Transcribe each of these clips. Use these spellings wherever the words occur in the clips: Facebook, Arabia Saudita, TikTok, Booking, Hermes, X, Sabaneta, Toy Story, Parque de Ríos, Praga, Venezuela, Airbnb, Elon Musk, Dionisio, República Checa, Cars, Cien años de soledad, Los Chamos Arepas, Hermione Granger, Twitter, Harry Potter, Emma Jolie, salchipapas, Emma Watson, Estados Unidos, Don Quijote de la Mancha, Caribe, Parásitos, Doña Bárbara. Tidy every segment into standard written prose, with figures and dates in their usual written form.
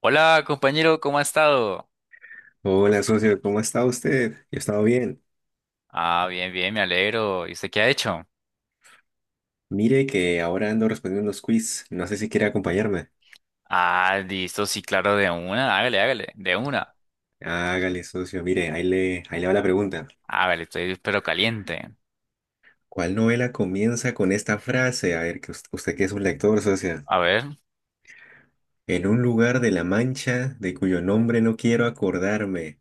Hola, compañero, ¿cómo ha estado? Hola, socio, ¿cómo está usted? Yo he estado bien. Ah, bien, bien, me alegro. ¿Y usted qué ha hecho? Mire que ahora ando respondiendo unos quiz. No sé si quiere acompañarme. Ah, listo, sí, claro, de una, hágale, hágale, de una. Hágale, socio. Mire, ahí le va la pregunta. Hágale, estoy pero caliente. ¿Cuál novela comienza con esta frase? A ver, que usted, que es un lector, socio. A ver. En un lugar de la Mancha de cuyo nombre no quiero acordarme.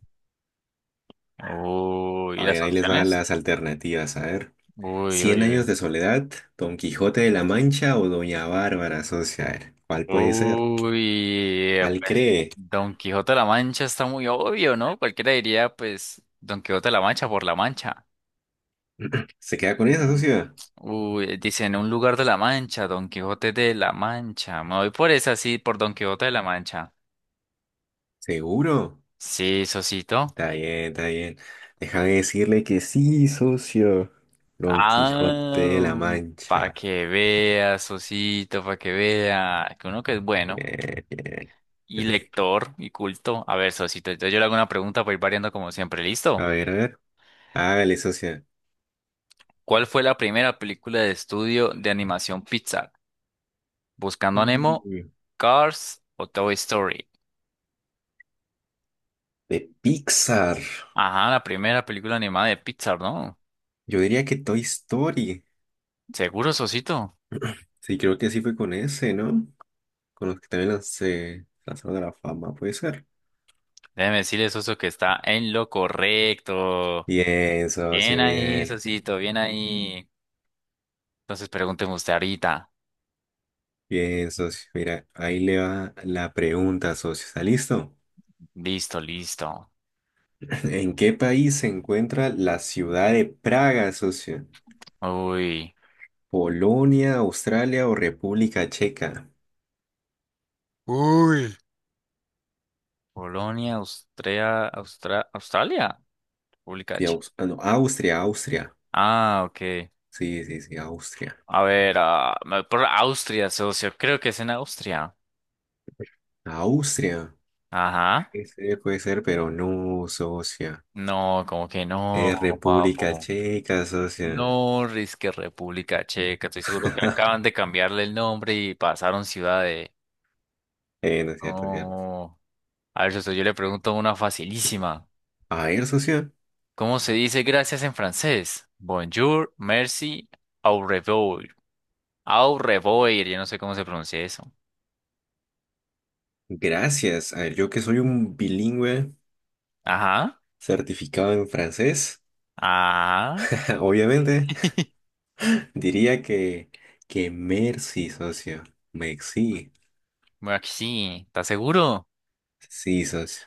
Uy, ¿y A las ver, ahí les van opciones? las alternativas. A ver. Uy, ¿Cien uy, años uy. de soledad, Don Quijote de la Mancha o Doña Bárbara, socio? A ver, ¿cuál puede ser? Uy, ¿Cuál pues cree? Don Quijote de la Mancha está muy obvio, ¿no? Cualquiera diría, pues, Don Quijote de la Mancha por la Mancha. ¿Se queda con esa, Mm. socio? Uy, dicen un lugar de la Mancha, Don Quijote de la Mancha. Me voy por esa, sí, por Don Quijote de la Mancha. ¿Seguro? Sí, Sosito. Está bien, está bien. Déjame decirle que sí, socio. Don Quijote de Ah, la para Mancha. que vea, Sosito, para que vea. Que uno que es bueno Bien, bien. y lector y culto. A ver, Sosito, entonces yo le hago una pregunta para ir variando como siempre. A ¿Listo? ver, a ver. Hágale, socio. ¿Cuál fue la primera película de estudio de animación Pixar? ¿Buscando a Nemo, Mm, Cars o Toy Story? de Pixar. Ajá, la primera película animada de Pixar, ¿no? Yo diría que Toy Story. Seguro, Sosito. Sí, creo que sí fue con ese, ¿no? Con los que también lancé lanzaron a la fama, puede ser. Déjeme decirle, Soso, que está en lo correcto. Bien, Bien socio, ahí, bien. Sosito, bien ahí. Entonces pregúnteme usted ahorita. Bien, socio. Mira, ahí le va la pregunta, socio. ¿Está listo? Listo, listo. ¿En qué país se encuentra la ciudad de Praga, socio? Uy. Polonia, Australia o República Checa. Uy. Polonia, Austria, Australia, República Sí, H. Ah, no, Austria, Austria. Ah, ok. Sí, sí, sí, Austria. A ver, ah, me voy por Austria, socio. Creo que es en Austria. Austria. Ajá. Ese puede ser, pero no, socia. No, como que no, Es República papo. Checa, socia. No, risque República Checa. Estoy seguro que acaban de cambiarle el nombre y pasaron ciudad de. No es cierto, es cierto. No. A ver, socio, yo le pregunto una facilísima. A ver, socia. ¿Cómo se dice gracias en francés? Bonjour, merci, au revoir. Au revoir, yo no sé cómo se pronuncia eso. Gracias. A ver, yo que soy un bilingüe Ajá, certificado en francés, ajá. obviamente, diría que merci, socio. Merci. Bueno, aquí sí. ¿Estás seguro? Sí, socio.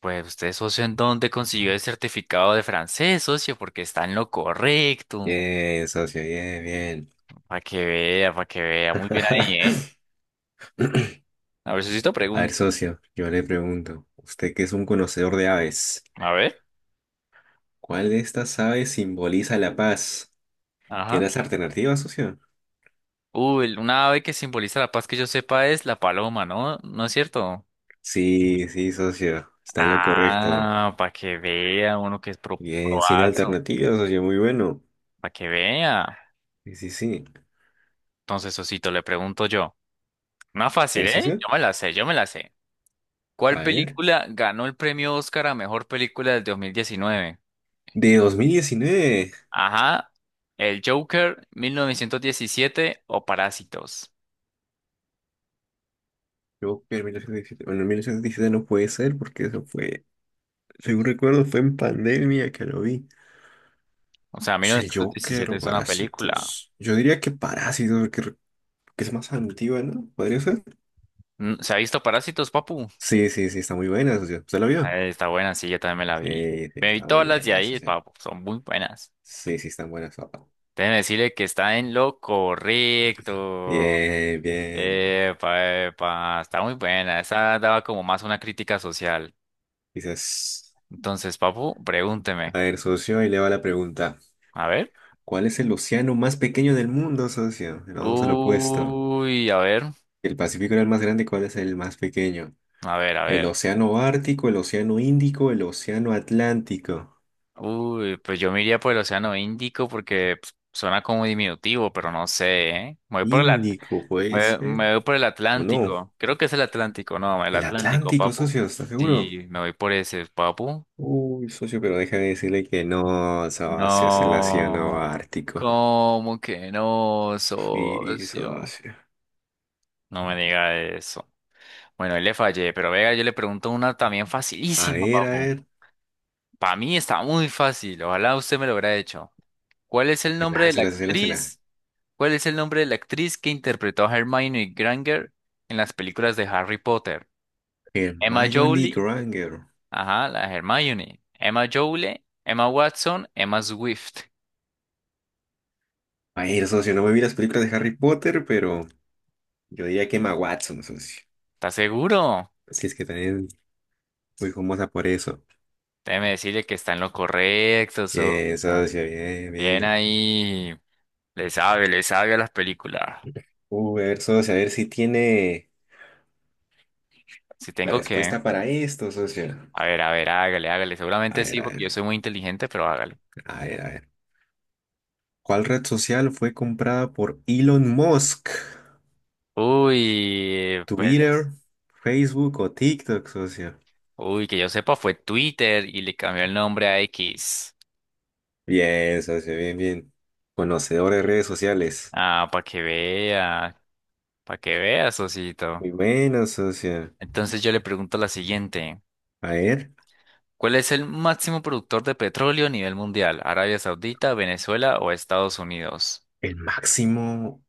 Pues usted, socio, ¿en dónde consiguió el certificado de francés, socio? Porque está en lo correcto. Bien, socio. Bien, bien. Para que vea, para que vea. Muy bien ahí, ¿eh? A ver, sociito, A ver, pregúnteme. socio, yo le pregunto, usted que es un conocedor de aves, A ver. ¿cuál de estas aves simboliza la paz? Ajá. ¿Quieres las alternativas, socio? Uy, una ave que simboliza la paz que yo sepa es la paloma, ¿no? ¿No es cierto? Sí, sí, socio, está en lo correcto. Ah, para que vea uno que es Bien, sin proazo, alternativas, socio, muy bueno. para que vea. Sí, sí, sí. Entonces, Osito, le pregunto yo. Más A fácil, ver, ¿eh? socio, Yo me la sé, yo me la sé. a ¿Cuál ver. película ganó el premio Oscar a mejor película del 2019? De 2019. Ajá, El Joker, 1917 o Parásitos. Yo, en 1917, bueno, en 1917 no puede ser porque eso fue, según recuerdo, fue en pandemia que lo vi. O sea, mil Es El novecientos Joker diecisiete o es una película. Parásitos. Yo diría que Parásitos, que es más antigua, ¿no? ¿Podría ser? Mm, ¿se ha visto Parásitos, papu? Sí, sí, sí, está muy buena, socio. ¿Usted lo vio? Está buena, sí, yo también me la vi. Sí, sí, Me vi está muy todas las de buena, ahí, socio. papu, son muy buenas. Sí, sí, están buenas, papá. Déjeme decirle que está en lo correcto. Bien, bien. Epa, epa, está muy buena. Esa daba como más una crítica social. Dices, Entonces, papu, pregúnteme. a ver, socio, y le va la pregunta. A ver. ¿Cuál es el océano más pequeño del mundo, socio? Nos vamos al opuesto. Uy, a ver, El Pacífico era el más grande, ¿cuál es el más pequeño? a ver, a ver. El océano Ártico, el océano Índico, el océano Atlántico. Uy, pues yo me iría por el Océano Índico porque pues, suena como diminutivo, pero no sé, ¿eh? Me voy por Índico, puede ser. me voy por el ¿O no? Atlántico. Creo que es el Atlántico, no, el El Atlántico, Atlántico, papu. socio, ¿estás seguro? Sí, me voy por ese, papu. Uy, socio, pero déjame decirle que no, Sabacio es el océano No, ártico. ¿cómo que no, Sí, socio? socio. No me diga eso. Bueno, ahí le fallé, pero venga, yo le pregunto una también A facilísima, ver, a papu. ver. Para mí está muy fácil, ojalá usted me lo hubiera hecho. ¿Cuál es el nombre de la Láncela, socio, láncela. actriz? ¿Cuál es el nombre de la actriz que interpretó a Hermione Granger en las películas de Harry Potter? Emma Hermione Jolie, Granger. ajá, la Hermione. Emma Jolie, Emma Watson, Emma Swift. A ver, socio, no me vi las películas de Harry Potter, pero yo diría que Emma Watson, socio. ¿Estás seguro? Si es que también muy famosa por eso. Déjeme decirle que está en lo correcto, Bien, sobrina. socio, bien, Bien bien. ahí. Le sabe a las películas. Uy, a ver, socio, a ver si tiene Si la tengo que. respuesta para esto, socio. A ver, hágale, hágale. A Seguramente ver, sí, a porque yo ver, soy muy inteligente, pero hágale. a ver, a ver. ¿Cuál red social fue comprada por Elon Musk? Uy, pues. Twitter, Facebook o TikTok, socio. Uy, que yo sepa, fue Twitter y le cambió el nombre a X. Bien, socio, bien, bien. Conocedor de redes sociales. Ah, para que vea. Para que vea, Sosito. Muy bueno, socio. Entonces yo le pregunto la siguiente. A ver, ¿Cuál es el máximo productor de petróleo a nivel mundial? ¿Arabia Saudita, Venezuela o Estados Unidos? el máximo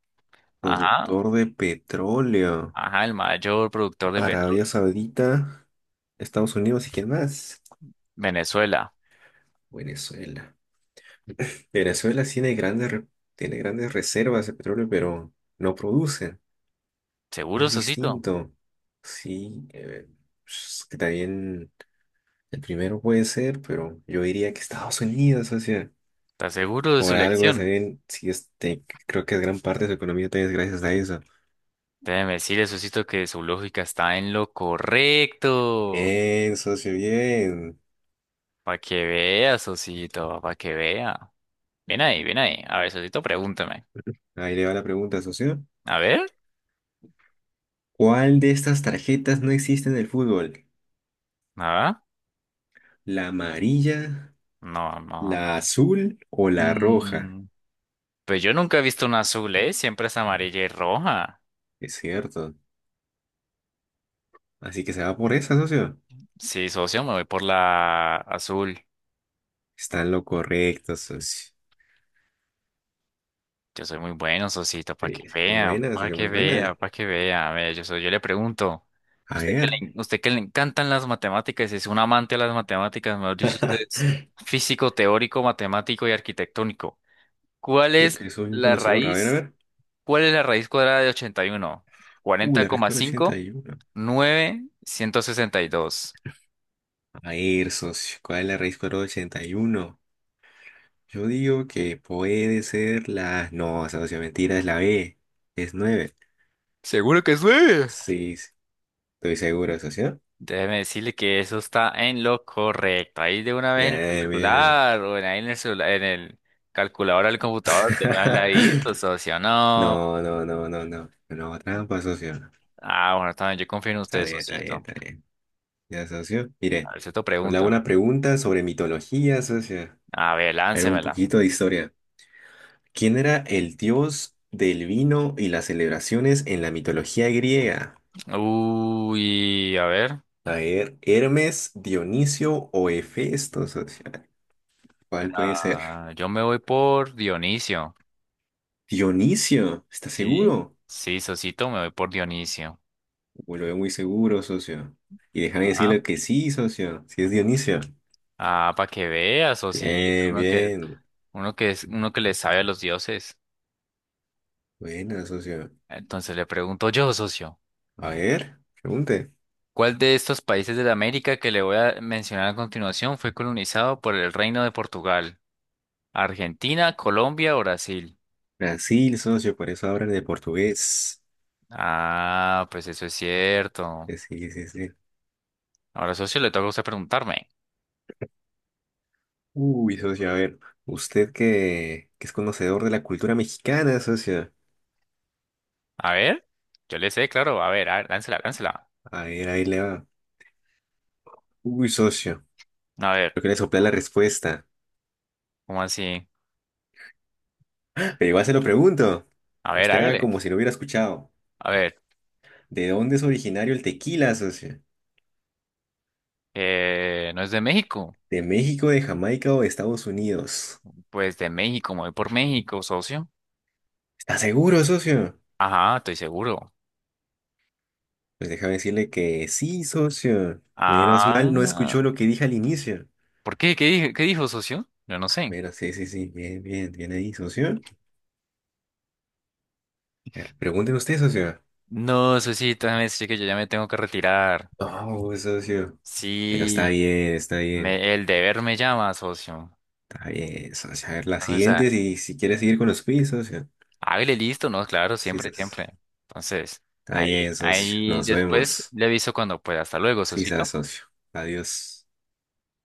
Ajá. productor de petróleo. Ajá, el mayor productor de petróleo. Arabia Saudita, Estados Unidos y quién más. Venezuela. Venezuela. Venezuela tiene grandes reservas de petróleo, pero no produce. ¿Seguro, Es Sosito? distinto. Sí, es que también. El primero puede ser, pero yo diría que Estados Unidos, o sea, ¿Estás seguro de su por algo, elección? saben, sí, creo que es gran parte de su economía también es gracias a eso. Déjeme decirle, Sosito, que su lógica está en lo correcto. Bien, socio, bien. Para que vea, Sosito, para que vea. Bien ahí, bien ahí. A ver, Sosito, pregúntame. Ahí le va la pregunta, socio. A ver, ¿Cuál de estas tarjetas no existe en el fútbol? ¿nada? ¿La amarilla, No, no. la azul o la roja? Mm, pues yo nunca he visto una azul, ¿eh? Siempre es amarilla y roja. Es cierto. Así que se va por esa, socio. Sí, socio, me voy por la azul. Está en lo correcto, socio. Yo soy muy bueno, socito, para Sí, que muy vea, buena, para socio, que muy vea, buena. para que vea. A ver, yo le pregunto, A ver, usted que le encantan las matemáticas, es un amante de las matemáticas, mejor dicho, usted es físico, teórico, matemático y arquitectónico. ¿Cuál yo es que soy un la conocedor, a ver, a raíz? ver. ¿Cuál es la raíz cuadrada de 81? Uy, Cuarenta la coma respuesta era ochenta cinco y uno. nueve ciento sesenta y dos. A ver, socio, ¿cuál es la raíz cuadrada de 81? Yo digo que puede ser la... No, socio, mentira, es la B. Es 9. Seguro que es 9. Sí, sí, estoy seguro, socio. Déjeme decirle que eso está en lo correcto. Ahí de una vez en su Bien, bien. celular o en ahí en el celular, en el calculador del computador, de una vez la hizo, socio. No. No, no, no, no, no. No, trampa, socio, no. Ah, bueno, también yo confío en Está usted, bien, está bien, socito. está bien. Ya, socio. A Mire, ver, cierto, le hago pregúntame. una pregunta sobre mitología, socio. A ver, Era un láncemela. poquito de historia. ¿Quién era el dios del vino y las celebraciones en la mitología griega? Uy, a ver. A ver, Hermes, Dionisio o Hefesto, socio. ¿Cuál puede ser? Ah, yo me voy por Dionisio. Dionisio, ¿estás ¿Sí? seguro? Sí, socito, me voy por Dionisio. Uy, lo veo muy seguro, socio. Y déjame Ajá. decirle que sí, socio. Sí es Dionisio. Ah, para que veas, socito. Bien, bien. Uno que le sabe a los dioses. Buena, socio. Entonces le pregunto yo, socio, A ver, pregunte. ¿cuál de estos países de la América que le voy a mencionar a continuación fue colonizado por el Reino de Portugal? ¿Argentina, Colombia o Brasil? Brasil, socio, por eso hablan de portugués. Ah, pues eso es cierto. Sí, sí, sí. Ahora, socio, le toca a usted preguntarme. Uy, socio, a ver. Usted que es conocedor de la cultura mexicana, socio. A ver, yo le sé, claro. A ver, láncela, láncela. A ver, ahí le va. Uy, socio. A ver, Yo quería soplar la respuesta. ¿cómo así? Pero igual se lo pregunto. A ver, Usted haga hágale. como si lo hubiera escuchado. A ver, ¿De dónde es originario el tequila, socio? ¿No es de México? ¿De México, de Jamaica o de Estados Unidos? Pues de México, me voy por México, socio. ¿Está seguro, socio? Ajá, estoy seguro. Pues déjame decirle que sí, socio. Menos mal no Ah. escuchó lo que dije al inicio. ¿Por qué? Qué dijo, socio? Yo no sé. Pero sí, sí, sí. Bien, bien, bien ahí, socio. A ver, pregúnteme usted, socio. No, socito, déjame decir que yo ya me tengo que retirar. No, socio. Pero está Sí, bien, está bien. me, el deber me llama, socio. Está bien, socio. A ver, la Entonces, siguiente, si quiere seguir con los quiz, socio. hágale listo, ¿no? Claro, Sí, siempre, socio. siempre. Entonces, Está ahí, bien, socio. ahí Nos después vemos. le aviso cuando pueda. Hasta luego, Sí, se socito. asocio. Adiós.